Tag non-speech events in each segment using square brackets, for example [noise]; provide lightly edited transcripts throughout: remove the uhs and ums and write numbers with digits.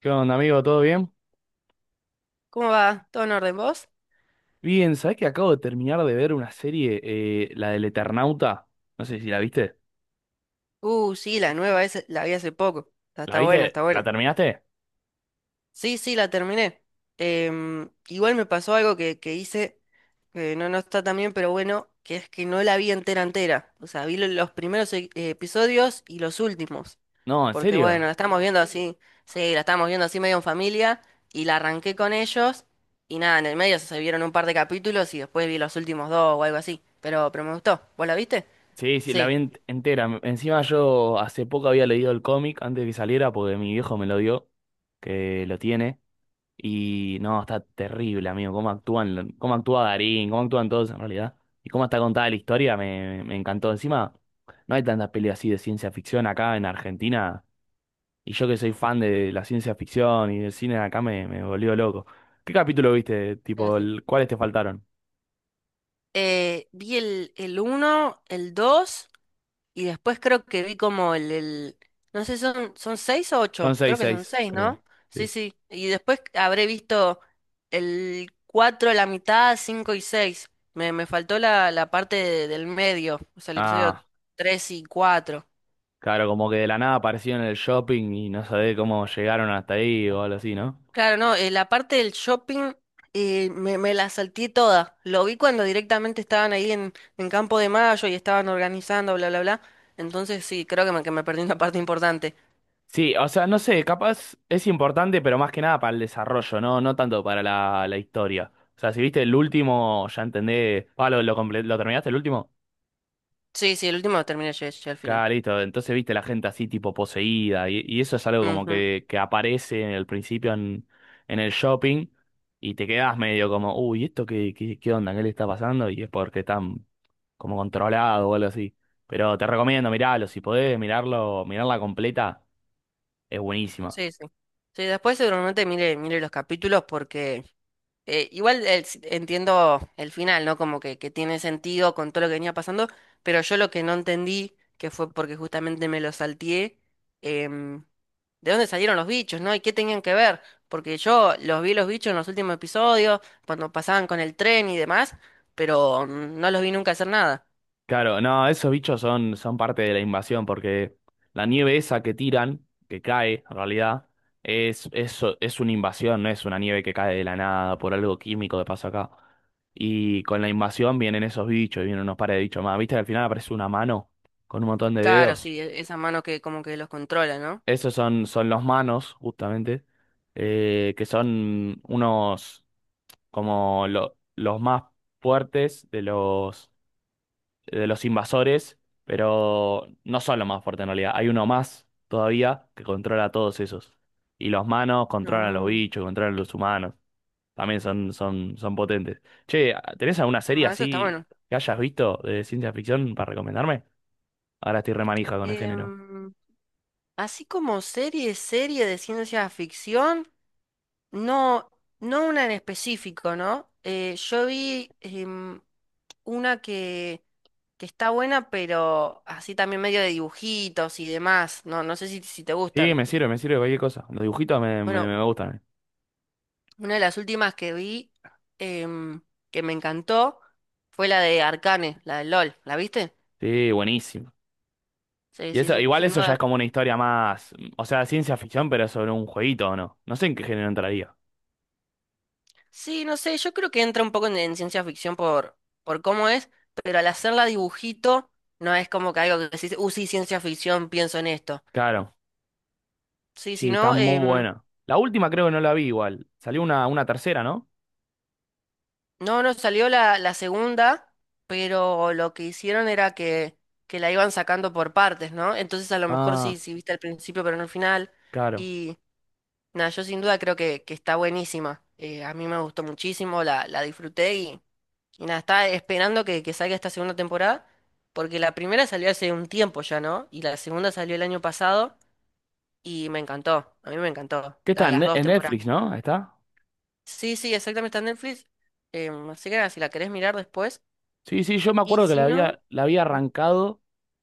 ¿Qué onda, amigo? ¿Todo bien? ¿Cómo va? ¿Todo en orden vos? Bien, ¿sabés que acabo de terminar de ver una serie, la del Eternauta? No sé si la viste. Sí, la nueva esa la vi hace poco. Está, ¿La está buena, viste? está ¿La buena. terminaste? Sí, sí, la terminé. Igual me pasó algo que hice, que no, no está tan bien, pero bueno, que es que no la vi entera entera. O sea, vi los primeros episodios y los últimos. No, ¿en Porque bueno, serio? la estamos viendo así, sí, la estamos viendo así medio en familia y la arranqué con ellos y nada, en el medio se vieron un par de capítulos y después vi los últimos dos o algo así. Pero me gustó. ¿Vos la viste? Sí, sí, la Sí. vi entera. Encima yo hace poco había leído el cómic antes de que saliera porque mi viejo me lo dio, que lo tiene. Y no, está terrible, amigo. Cómo actúan, cómo actúa Darín, cómo actúan todos en realidad. Y cómo está contada la historia, me encantó. Encima, no hay tantas peleas así de ciencia ficción acá en Argentina. Y yo que soy fan de la ciencia ficción y del cine, acá me volvió loco. ¿Qué capítulo viste? Sí, Tipo, sí. ¿Cuáles te faltaron? Vi el uno el 2 y después creo que vi como no sé, son 6 o Son ocho, seis, creo que son seis, seis, ¿no? creo. Sí, Sí. sí, y después habré visto el 4, la mitad, 5 y seis. Me faltó la parte del medio, o sea, el episodio Ah, 3 y cuatro. claro, como que de la nada aparecieron en el shopping y no sabés cómo llegaron hasta ahí o algo así, ¿no? Claro, no, la parte del shopping, me la salté toda. Lo vi cuando directamente estaban ahí en Campo de Mayo y estaban organizando, bla, bla, bla. Entonces sí, creo que me perdí una parte importante. Sí, o sea, no sé, capaz es importante, pero más que nada para el desarrollo, ¿no? No tanto para la historia. O sea, si viste el último, ya entendé. Ah, ¿lo terminaste el último? Sí, sí, el último lo terminé yo, yo al final. Claro, listo. Entonces viste la gente así tipo poseída y eso es algo como Ujú. que aparece en el principio en el shopping y te quedás medio como, uy, ¿esto qué onda? ¿Qué le está pasando? Y es porque están como controlados o algo así. Pero te recomiendo mirarlo, si podés mirarlo, mirarla completa, es buenísima. Sí, sí. Sí, después seguramente mire, mire los capítulos porque igual el entiendo el final, ¿no? Como que tiene sentido con todo lo que venía pasando, pero yo lo que no entendí, que fue porque justamente me lo salteé, em, ¿de dónde salieron los bichos, no? ¿Y qué tenían que ver? Porque yo los vi, los bichos, en los últimos episodios, cuando pasaban con el tren y demás, pero no los vi nunca hacer nada. Claro, no, esos bichos son parte de la invasión porque la nieve esa que tiran, que cae en realidad, es una invasión, no es una nieve que cae de la nada por algo químico que pasa acá. Y con la invasión vienen esos bichos y vienen unos pares de bichos más. ¿Viste que al final aparece una mano con un montón de Claro, dedos? sí, esa mano que como que los controla, ¿no? Esos son los manos, justamente, que son unos como los más fuertes de los invasores, pero no son los más fuertes en realidad. Hay uno más todavía que controla a todos esos. Y los manos controlan a los Ah, bichos, controlan a los humanos. También son potentes. Che, ¿tenés alguna serie no, eso está así bueno. que hayas visto de ciencia ficción para recomendarme? Ahora estoy remanija con el género. Em, Así como serie de ciencia ficción. No, no una en específico, ¿no? Yo vi, una que está buena, pero así también medio de dibujitos y demás. No, no sé si te Sí, gustan. Me sirve cualquier cosa. Los dibujitos me, me, Bueno, me gustan. Una de las últimas que vi, em, que me encantó, fue la de Arcane, la de LOL. ¿La viste? Sí, buenísimo. Sí, Y sí, eso, sí, igual sin eso ya es duda. como una historia más, o sea, ciencia ficción, pero sobre un jueguito o no. No sé en qué género entraría. Sí, no sé, yo creo que entra un poco en, ciencia ficción por cómo es, pero al hacerla dibujito no es como que algo que decís, sí, ciencia ficción, pienso en esto. Claro. Sí, si Sí, está no, muy buena. La última creo que no la vi igual. Salió una tercera, ¿no? no, no salió la, la segunda, pero lo que hicieron era que la iban sacando por partes, ¿no? Entonces a lo mejor sí, Ah, sí viste al principio, pero no al final. claro. Y nada, yo sin duda creo que está buenísima. A mí me gustó muchísimo, la disfruté, y nada, estaba esperando que salga esta segunda temporada, porque la primera salió hace un tiempo ya, ¿no? Y la segunda salió el año pasado y me encantó, a mí me encantó, ¿Qué está? En las Ne- dos en temporadas. Netflix, ¿no? Ahí, ¿está? Sí, sí, exactamente, está en Netflix. Así que nada, si la querés mirar después. Sí, sí, yo me Y acuerdo que si la no. había, la había Ujú. arrancado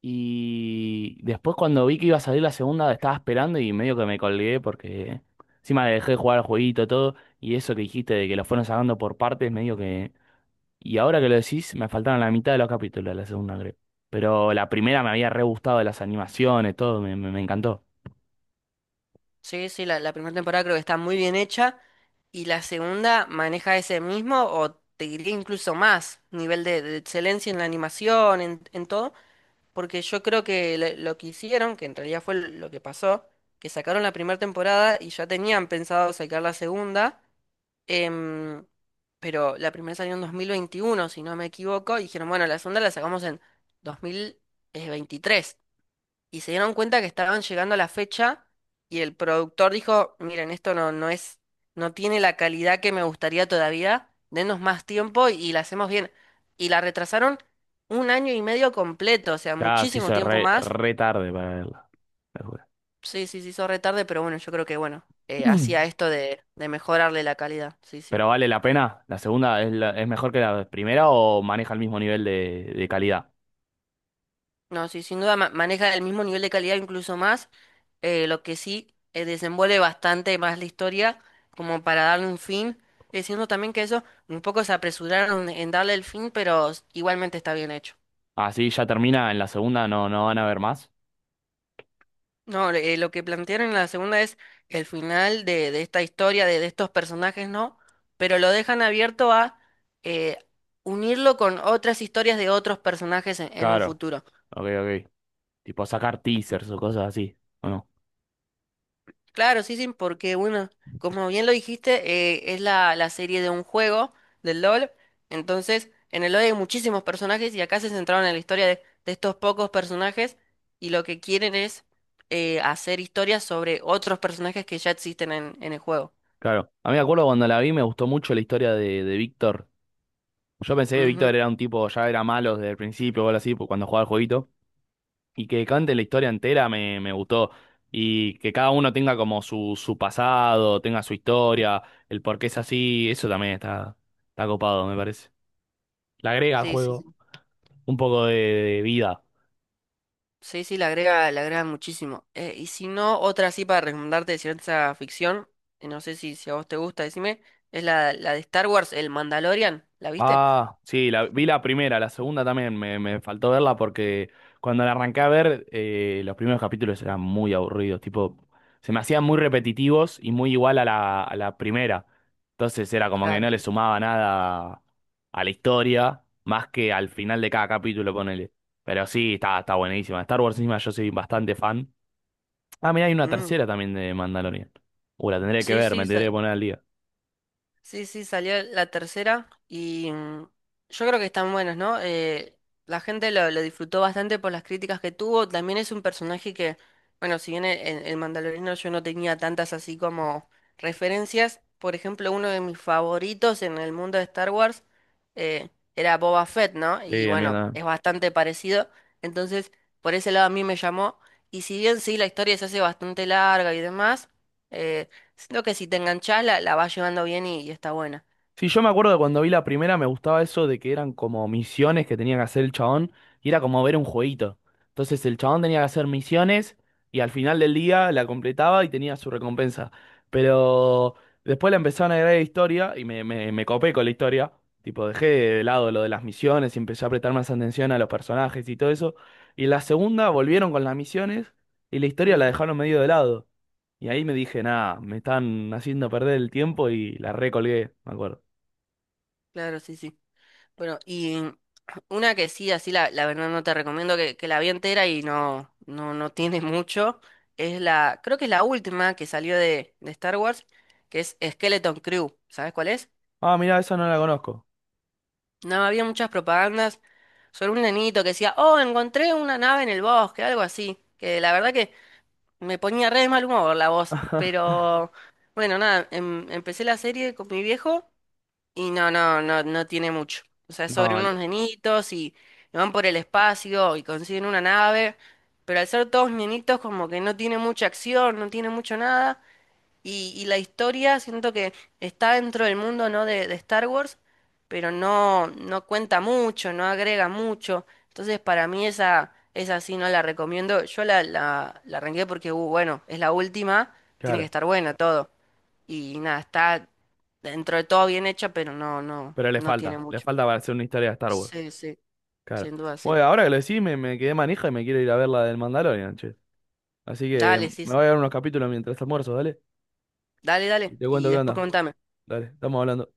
y después cuando vi que iba a salir la segunda estaba esperando y medio que me colgué porque encima dejé de jugar al jueguito todo y eso que dijiste de que lo fueron sacando por partes, medio que. Y ahora que lo decís, me faltaron la mitad de los capítulos de la segunda, creo. Pero la primera me había re gustado de las animaciones, todo, me encantó. Sí, sí, la primera temporada creo que está muy bien hecha. Y la segunda maneja ese mismo, o te diría incluso más, nivel de excelencia en la animación, en todo. Porque yo creo que lo que hicieron, que en realidad fue lo que pasó, que sacaron la primera temporada y ya tenían pensado sacar la segunda. Em, pero la primera salió en 2021, si no me equivoco, y dijeron, bueno, la segunda la sacamos en 2023. Y se dieron cuenta que estaban llegando a la fecha y el productor dijo, miren, esto no, no es, no tiene la calidad que me gustaría todavía, denos más tiempo y la hacemos bien. Y la retrasaron un año y medio completo, o sea, Ya se muchísimo hizo tiempo re, más. re tarde para verla. La juro. Sí, sí, sí, hizo retarde, pero bueno, yo creo que bueno, Mm. hacía esto de mejorarle la calidad, sí, sí. Pero vale la pena. ¿La segunda es mejor que la primera o maneja el mismo nivel de calidad? No, sí, sin duda maneja el mismo nivel de calidad, incluso más, lo que sí, desenvuelve bastante más la historia como para darle un fin, diciendo también que eso un poco se apresuraron en darle el fin, pero igualmente está bien hecho. Así ya termina en la segunda, no, no van a ver más. No, lo que plantearon en la segunda es el final de esta historia, de estos personajes, ¿no? Pero lo dejan abierto a, eh, unirlo con otras historias de otros personajes en un Claro, futuro. ok, ok. Tipo sacar teasers o cosas así, ¿o no? Claro, sí, sí, porque bueno, como bien lo dijiste, es la, la serie de un juego, del LOL. Entonces, en el LOL hay muchísimos personajes y acá se centraron en la historia de estos pocos personajes y lo que quieren es, hacer historias sobre otros personajes que ya existen en el juego. Claro. A mí me acuerdo cuando la vi me gustó mucho la historia de Víctor. Yo pensé que Ujú. Víctor era un tipo, ya era malo desde el principio o algo así, pues, cuando jugaba el jueguito. Y que cante la historia entera me gustó. Y que cada uno tenga como su pasado, tenga su historia, el por qué es así, eso también está copado, me parece. Le agrega al Sí, sí, sí. juego un poco de vida. Sí, sí, le agrega muchísimo. Y si no, otra así para recomendarte de ciencia ficción, no sé si a vos te gusta, decime, es la, la de Star Wars, El Mandalorian. ¿La viste? Ah, sí, vi la primera, la segunda también me faltó verla porque cuando la arranqué a ver, los primeros capítulos eran muy aburridos, tipo, se me hacían muy repetitivos y muy igual a la primera. Entonces era como que Claro, no le sí. sumaba nada a la historia, más que al final de cada capítulo, ponele. Pero sí, está buenísima. Star Wars encima yo soy bastante fan. Ah, mirá, hay una Mm. tercera también de Mandalorian. La tendré que Sí, ver, me sí, tendré que poner al día. sí, sí, salió la tercera, y yo creo que están buenos, ¿no? La gente lo disfrutó bastante por las críticas que tuvo. También es un personaje que, bueno, si bien en el Mandaloriano yo no tenía tantas así como referencias, por ejemplo, uno de mis favoritos en el mundo de Star Wars, eh, era Boba Fett, ¿no? Sí, Y el mío bueno, también. es bastante parecido. Entonces, por ese lado a mí me llamó. Y si bien sí, la historia se hace bastante larga y demás. eh, Siento que si te enganchás, la vas llevando bien y está buena. Sí, yo me acuerdo de cuando vi la primera, me gustaba eso de que eran como misiones que tenía que hacer el chabón y era como ver un jueguito. Entonces el chabón tenía que hacer misiones y al final del día la completaba y tenía su recompensa. Pero después le empezaron a agregar historia y me copé con la historia. Tipo, dejé de lado lo de las misiones y empecé a prestar más atención a los personajes y todo eso. Y en la segunda volvieron con las misiones y la historia la Ujú. dejaron medio de lado. Y ahí me dije, nada, me están haciendo perder el tiempo y la recolgué, me acuerdo. Claro, sí, sí. Bueno, y [clears throat] una que sí, así la, la verdad no te recomiendo, que la vi entera y no, no, no tiene mucho, es la, creo que es la última que salió de Star Wars, que es Skeleton Crew. ¿Sabes cuál es? Ah, mira, esa no la conozco. No, había muchas propagandas sobre un nenito que decía, oh, encontré una nave en el bosque, algo así. Que la verdad que me ponía re de mal humor la voz. Pero bueno, nada, empecé la serie con mi viejo. Y no, no, no, no tiene mucho. O sea, es sobre No, unos nenitos, y van por el espacio y consiguen una nave, pero al ser todos nenitos como que no tiene mucha acción, no tiene mucho nada. Y la historia siento que está dentro del mundo, ¿no?, de Star Wars, pero no, no cuenta mucho, no agrega mucho. Entonces para mí esa, esa sí no la recomiendo. Yo la, la arranqué porque, bueno, es la última, tiene que claro, estar buena, todo. Y nada, está dentro de todo bien hecha, pero no, no, pero le no tiene falta, le mucho. falta para hacer una historia de Star Wars. Sí, sí, Claro. sin duda, sí. Bueno, ahora que lo decís, me quedé manija y me quiero ir a ver la del Mandalorian, che. Así que Dale, sí, me sí. voy a ver unos capítulos mientras almuerzo, dale. Dale, Y dale. te cuento Y qué después onda. contame. Dale, estamos hablando.